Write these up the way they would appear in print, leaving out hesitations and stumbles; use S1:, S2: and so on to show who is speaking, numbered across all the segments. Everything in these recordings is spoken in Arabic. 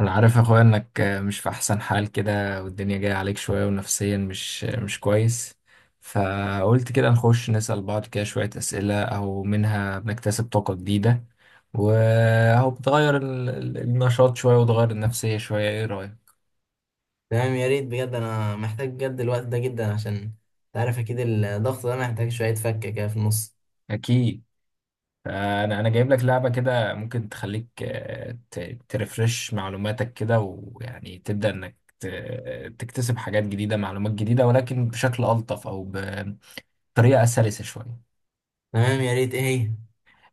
S1: انا عارف يا اخويا انك مش في احسن حال كده، والدنيا جايه عليك شويه ونفسيا مش كويس. فقلت كده نخش نسأل بعض كده شويه اسئله او منها بنكتسب طاقه جديده، وهو بتغير النشاط شويه وتغير النفسيه شويه. ايه رايك؟
S2: تمام، يا ريت بجد. انا محتاج بجد الوقت ده جدا عشان تعرف. اكيد الضغط ده محتاج شوية فكة كده في النص.
S1: اكيد. انا جايب لك لعبه كده ممكن تخليك ترفرش معلوماتك كده ويعني تبدأ انك تكتسب حاجات جديده، معلومات جديده، ولكن بشكل الطف او بطريقه سلسه شويه.
S2: تمام، يا ريت. ايه هي؟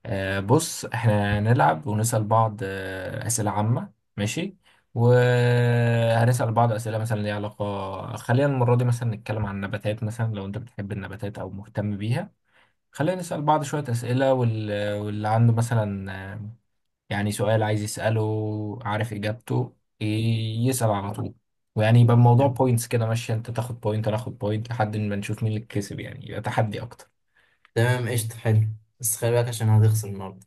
S1: بص، احنا نلعب ونسأل بعض أسئلة عامة، ماشي؟ وهنسأل بعض أسئلة مثلا ليها علاقة. خلينا المرة دي مثلا نتكلم عن النباتات، مثلا لو أنت بتحب النباتات أو مهتم بيها. خلينا نسأل بعض شوية أسئلة واللي عنده مثلا يعني سؤال عايز يسأله، عارف إجابته، ي- يسأل على طول. ويعني يبقى الموضوع بوينتس كده، ماشي؟ أنت تاخد بوينت أنا آخد بوينت لحد ما نشوف مين اللي كسب، يعني يبقى تحدي أكتر.
S2: تمام، قشطة، حلو. بس خلي بالك عشان هتخسر النهاردة.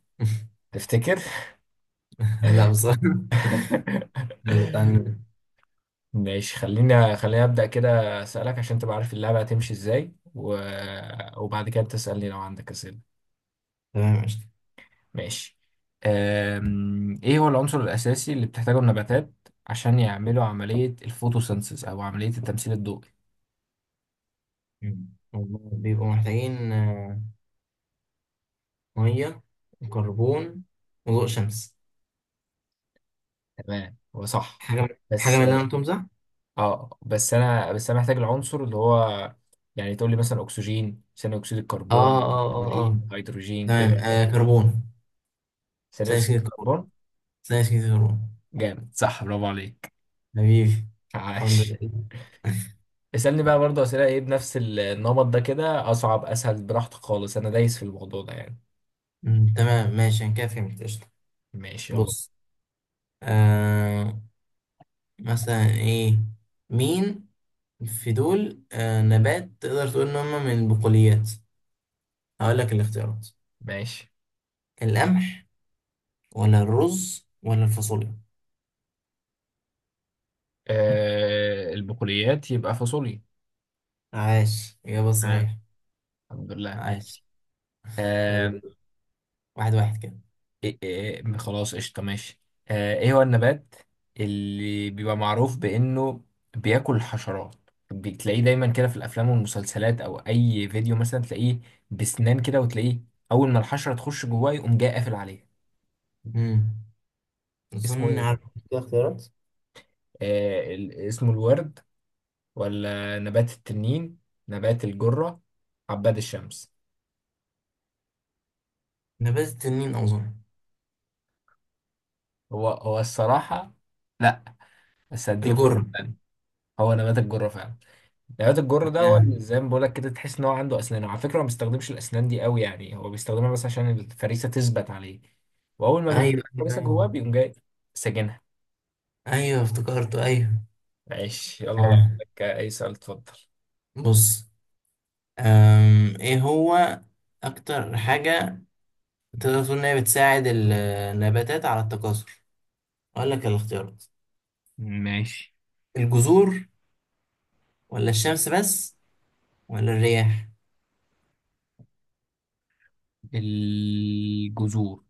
S1: تفتكر؟
S2: لا بصراحة. يلا تعالى نبدأ.
S1: ماشي، خليني أبدأ كده، أسألك عشان تبقى عارف اللعبة هتمشي إزاي وبعد كده تسألني لو عندك أسئلة.
S2: تمام قشطة.
S1: ماشي. إيه هو العنصر الأساسي اللي بتحتاجه النباتات عشان يعملوا عملية الفوتوسينثيز أو عملية التمثيل الضوئي؟
S2: والله بيبقوا محتاجين مية وكربون وضوء شمس.
S1: تمام، هو صح
S2: حاجة من حاجة
S1: بس.
S2: من اللي أنا قلتهم صح؟
S1: آه، بس أنا محتاج العنصر اللي هو، يعني تقول لي مثلا أكسجين، ثاني أكسيد
S2: آه،
S1: الكربون،
S2: آه، آه، آه.
S1: هيدروجين،
S2: تمام،
S1: كده.
S2: كربون.
S1: ثاني
S2: ثاني
S1: أكسيد
S2: أكسيد الكربون،
S1: الكربون.
S2: ثاني أكسيد الكربون.
S1: جامد، صح، برافو عليك.
S2: حبيبي. الحمد
S1: عاش.
S2: لله.
S1: اسألني بقى برضه أسئلة إيه بنفس النمط ده، كده أصعب أسهل براحتك خالص، أنا دايس في الموضوع ده يعني.
S2: تمام، ماشي، انا كده فهمت، قشطة.
S1: ماشي يلا.
S2: بص. آه مثلا ايه؟ مين في دول نبات تقدر تقول ان هم من البقوليات؟ هقول لك الاختيارات:
S1: ماشي.
S2: القمح، ولا الرز، ولا الفاصوليا؟
S1: آه، البقوليات يبقى فاصوليا.
S2: عاش، إجابة
S1: تمام،
S2: صحيحة.
S1: الحمد لله،
S2: عاش.
S1: ماشي.
S2: يلا.
S1: آه.
S2: واحد واحد كده.
S1: إيه إيه، خلاص قشطة، ماشي. آه، إيه هو النبات اللي بيبقى معروف بإنه بياكل حشرات؟ بتلاقيه دايما كده في الأفلام والمسلسلات، أو أي فيديو مثلا تلاقيه بسنان كده، وتلاقيه أول ما الحشرة تخش جواه يقوم جاي قافل عليها.
S2: امم اظن
S1: اسمه
S2: إني
S1: إيه بقى؟
S2: عارف. كده اختيارات.
S1: اسمه الورد، ولا نبات التنين، نبات الجرة، عباد الشمس؟
S2: نبات التنين اظن.
S1: هو هو الصراحة. لا، بس هديك فرصة
S2: الجرة.
S1: تانية. هو نبات الجرة فعلا. نبات الجرة ده هو اللي
S2: آه.
S1: زي ما بقولك كده، تحس ان هو عنده اسنان، وعلى فكرة هو ما بيستخدمش الاسنان دي قوي، يعني هو بيستخدمها بس عشان الفريسة تثبت عليه. واول ما
S2: ايوه،
S1: بيخش
S2: ايوه،
S1: الفريسة جواه
S2: ايوه.
S1: بيقوم جاي ساجنها.
S2: ايوه، افتكرته، ايوه.
S1: ماشي، يلا، لو
S2: آه.
S1: عندك اي سؤال اتفضل.
S2: بص. ايه هو اكتر حاجة تقدر تقول انها بتساعد النباتات على التكاثر؟ اقول لك الاختيارات:
S1: ماشي.
S2: الجذور، ولا الشمس بس، ولا الرياح؟
S1: الجذور.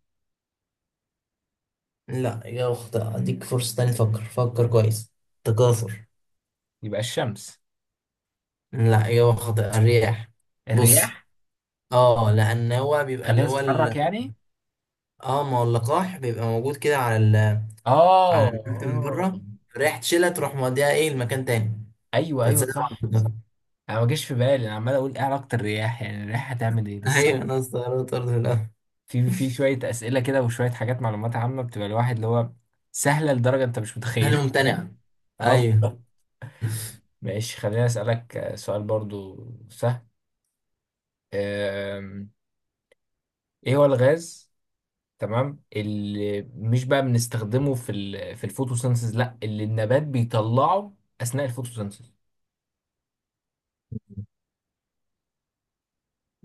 S2: لا، إجابة خاطئة. أديك فرصة تانية، تفكر، فكر كويس. تكاثر.
S1: يبقى الشمس.
S2: لا، إجابة خاطئة. الرياح. بص،
S1: الرياح.
S2: اه، لأن هو بيبقى اللي
S1: خليها
S2: هو
S1: تتحرك
S2: ال...
S1: يعني.
S2: اه، ما هو اللقاح بيبقى موجود كده على
S1: اه
S2: النبات من
S1: اه.
S2: بره. الرياح تشيلها تروح موديها ايه لمكان تاني.
S1: ايوه ايوه
S2: فتسلم على
S1: صح.
S2: التكاثر.
S1: انا ما جاش في بالي، انا عمال اقول ايه علاقه الرياح، يعني الرياح هتعمل ايه، بس صح.
S2: ايوه، انا استغربت برضه في الأول.
S1: في شويه اسئله كده وشويه حاجات معلومات عامه بتبقى الواحد اللي هو سهله لدرجه انت مش
S2: هل
S1: متخيلها.
S2: ممتنع؟
S1: اه
S2: ايوه.
S1: بالظبط. ماشي، خليني اسالك سؤال برضو سهل. آم، ايه هو الغاز، تمام، اللي مش بقى بنستخدمه في ال الفوتوسينثيز، لا اللي النبات بيطلعه اثناء الفوتوسينثيز؟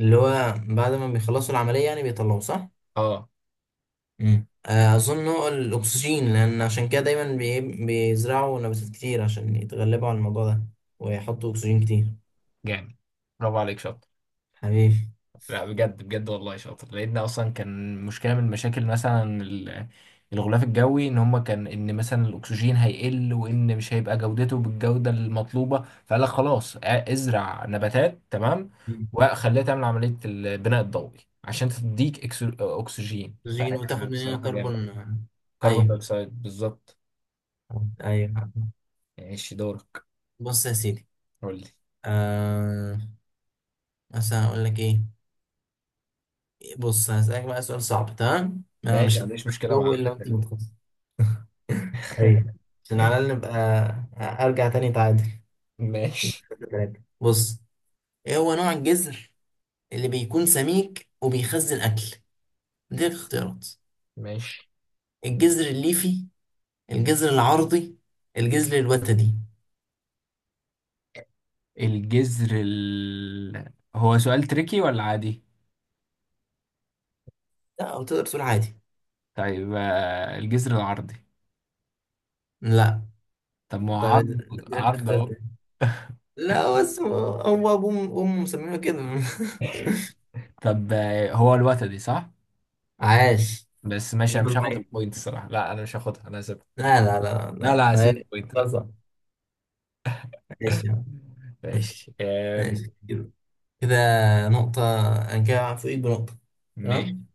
S2: اللي هو بعد ما بيخلصوا العمليه يعني بيطلعوا، صح؟
S1: اه.
S2: اظن هو الاكسجين، لان عشان كده دايما بيزرعوا نباتات كتير عشان يتغلبوا على الموضوع ده. ويحطوا اكسجين كتير.
S1: جامد، برافو عليك، شاطر.
S2: حبيبي.
S1: لا بجد، والله شاطر، لان اصلا كان مشكله من المشاكل مثلا الغلاف الجوي، ان هما كان ان مثلا الاكسجين هيقل، وان مش هيبقى جودته بالجوده المطلوبه، فقال لك خلاص، ازرع نباتات، تمام،
S2: مم.
S1: وخليها تعمل عمليه البناء الضوئي عشان تديك اكسجين.
S2: اكسجين، وتاخد مننا
S1: فبصراحه جامد.
S2: كربون.
S1: كربون
S2: ايوه،
S1: دايوكسيد بالظبط.
S2: ايوه.
S1: ماشي، دورك.
S2: بص يا سيدي.
S1: قول لي.
S2: آه مثلا اقول لك ايه؟ بص، هسألك بقى سؤال صعب، تمام؟ انا
S1: ماشي، ما
S2: مش
S1: عنديش مشكله
S2: هجاوبه
S1: مع.
S2: الا وانت متخصص. ايوه. عشان على الاقل نبقى، ارجع تاني، تعادل
S1: ماشي.
S2: تلاتة. بص، ايه هو نوع الجزر اللي بيكون سميك وبيخزن اكل؟ دي الاختيارات:
S1: ماشي،
S2: الجزر الليفي، الجزر العرضي، الجزر الوتدي؟
S1: الجذر هو سؤال تريكي ولا عادي؟
S2: لا، او تقدر تقول عادي.
S1: طيب، آه، الجذر العرضي.
S2: لا.
S1: طب ما هو
S2: طيب،
S1: عرض.
S2: اديلك
S1: عرض
S2: اختيار
S1: اهو.
S2: تاني. لا، بس هو، هو ابوه امه مسمينه كده.
S1: طب، آه، هو الوتدي صح؟
S2: عاش.
S1: بس ماشي، انا مش
S2: يلا
S1: هاخد
S2: عليك.
S1: البوينت الصراحة، لا انا مش هاخدها، انا هسيبها.
S2: لا، لا، لا، لا،
S1: لا لا، هسيب
S2: لا. طيب،
S1: البوينت، لا.
S2: خلاص. ماشي يا عم.
S1: ماشي.
S2: ماشي كده. كده نقطة. أنا كده فوقيك بنقطة.
S1: ماشي.
S2: تمام؟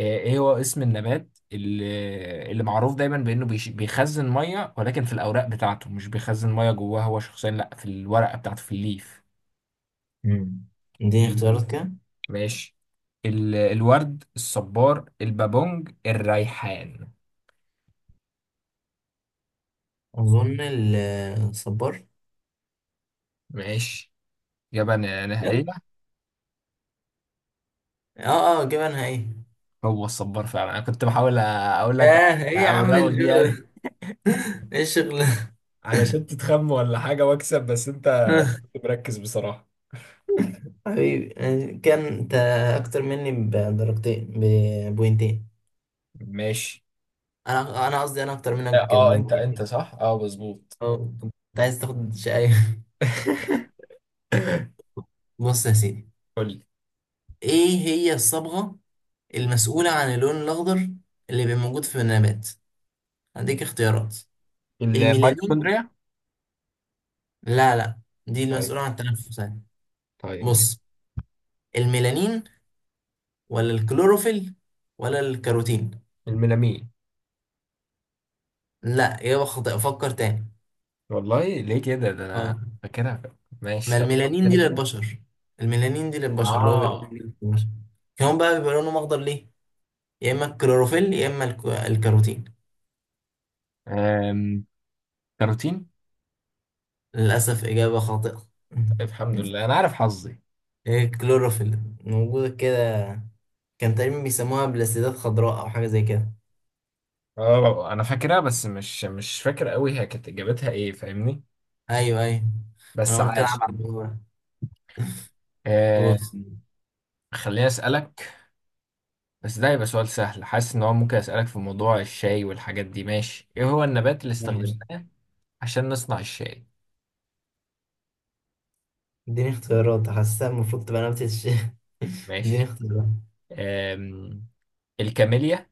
S1: ايه هو اسم النبات اللي معروف دايما بانه بيخزن ميه، ولكن في الاوراق بتاعته مش بيخزن ميه جواه هو شخصيا، لا في الورقة بتاعته في الليف؟
S2: مم. اديني اختيارات كده.
S1: ماشي. الورد، الصبار، البابونج، الريحان؟
S2: اظن الصبار.
S1: ماشي. إجابة
S2: بجد؟
S1: نهائية؟
S2: اه، اه، جبنها ايه؟
S1: هو الصبار فعلا. أنا كنت بحاول أقول لك
S2: ياه، ايه يا عم
S1: أوراق يعني،
S2: الجو؟ ايه الشغل ده؟
S1: علشان تتخم ولا حاجة وأكسب، بس أنت كنت مركز بصراحة.
S2: حبيبي. كان انت اكتر مني بدرجتين، ببوينتين.
S1: ماشي.
S2: انا قصدي انا اكتر منك
S1: اه انت
S2: بوينتين.
S1: انت صح، اه مظبوط.
S2: اه، كنت عايز تاخد شقاية. بص يا سيدي.
S1: قول لي.
S2: ايه هي الصبغة المسؤولة عن اللون الاخضر اللي بيبقى موجود في النبات؟ هديك اختيارات. الميلانين.
S1: الميتوكوندريا.
S2: لا، لا، دي
S1: طيب.
S2: المسؤولة عن التنفس يعني.
S1: طيب ماشي.
S2: بص، الميلانين، ولا الكلوروفيل، ولا الكاروتين؟
S1: الميلامين.
S2: لا، اجابه خاطئه، فكر تاني.
S1: والله ليه كده؟ ده انا
S2: اه.
S1: فاكرها. ماشي،
S2: ما
S1: طب قولها
S2: الميلانين
S1: تاني
S2: دي
S1: كده.
S2: للبشر. الميلانين دي للبشر، اللي هو بيبقى
S1: اه.
S2: موجود في البشر. كمان بقى بيبقى لونهم اخضر ليه؟ يا اما الكلوروفيل، يا اما الكاروتين.
S1: كاروتين.
S2: للاسف، اجابه خاطئه.
S1: طيب، الحمد لله انا عارف حظي.
S2: إيه، الكلوروفيل موجوده كده. كان تقريبا بيسموها بلاستيدات خضراء، او حاجه زي كده.
S1: اه انا فاكرها، بس مش فاكر قوي هي كانت اجابتها ايه، فاهمني؟
S2: ايوه، ايوه. ما
S1: بس
S2: انا قلت
S1: عايش.
S2: العب على الموضوع ده.
S1: آه،
S2: بص.
S1: خليني اسالك، بس ده يبقى سؤال سهل، حاسس ان هو ممكن اسالك في موضوع الشاي والحاجات دي. ماشي، ايه هو النبات اللي
S2: ماشي.
S1: استخدمناه عشان نصنع الشاي؟
S2: اديني اختيارات، حاسسها المفروض تبقى نبتة الشيء. اديني
S1: ماشي.
S2: اختيارات.
S1: آم، الكاميليا،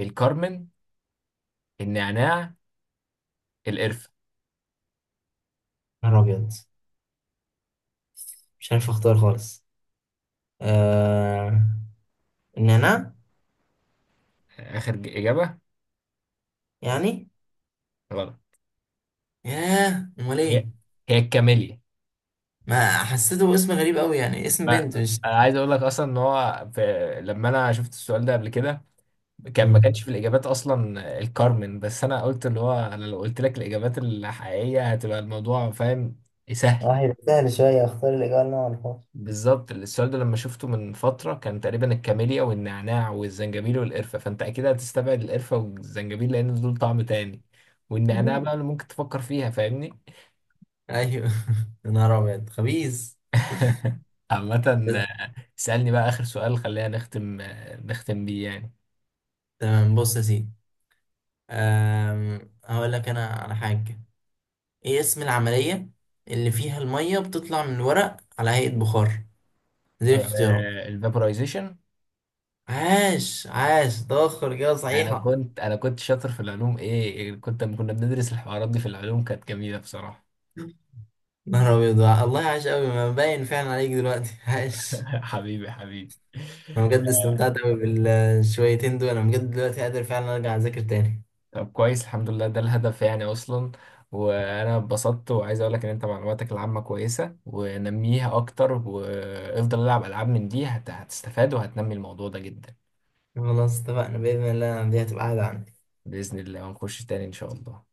S1: الكرمن، النعناع، القرفة؟
S2: نهار ابيض، مش عارف اختار خالص. آه... نانا.
S1: اخر اجابة.
S2: يعني.
S1: غلط.
S2: ياه، امال ايه؟
S1: هي هي الكاميليا.
S2: ما حسيته اسم غريب قوي، يعني اسم
S1: ما
S2: بنت، مش.
S1: انا عايز اقول لك اصلا ان هو لما انا شفت السؤال ده قبل كده، كان ما كانش
S2: مم.
S1: في الاجابات اصلا الكارمن، بس انا قلت اللي هو انا لو قلت لك الاجابات الحقيقيه هتبقى الموضوع فاهم سهل.
S2: واحد سهل شوية، اختار الإجابة اللي أنا معرفهاش.
S1: بالظبط، السؤال ده لما شفته من فتره كان تقريبا الكاميليا والنعناع والزنجبيل والقرفه، فانت اكيد هتستبعد القرفه والزنجبيل لان دول طعم تاني، والنعناع بقى اللي ممكن تفكر فيها، فاهمني؟
S2: ايوه. يا نهار ابيض، خبيث.
S1: عامة، اسألني بقى آخر سؤال، خلينا نختم، نختم بيه يعني.
S2: تمام، بص يا سيدي. هقول لك انا على حاجه. ايه اسم العمليه اللي فيها الميه بتطلع من الورق على هيئه بخار؟ دي الاختيارات.
S1: الفابورايزيشن.
S2: عاش، عاش، تاخر اجابه
S1: انا
S2: صحيحه.
S1: كنت انا كنت شاطر في العلوم، ايه، كنت لما كنا بندرس الحوارات دي في العلوم كانت جميله بصراحه.
S2: نهار أبيض، الله، عاش أوي، ما باين فعلا عليك دلوقتي. عاش.
S1: حبيبي، حبيبي.
S2: أنا بجد استمتعت أوي بالشويتين دول. أنا بجد دلوقتي قادر فعلا أرجع أذاكر تاني.
S1: طب كويس، الحمد لله، ده الهدف يعني اصلا. وانا اتبسطت، وعايز اقول لك ان انت معلوماتك العامه كويسه ونميها اكتر، وافضل العب العاب من دي، هتستفاد وهتنمي الموضوع ده جدا.
S2: خلاص، اتفقنا، بإذن الله دي هتبقى قاعدة عندي.
S1: باذن الله، ونخش تاني ان شاء الله.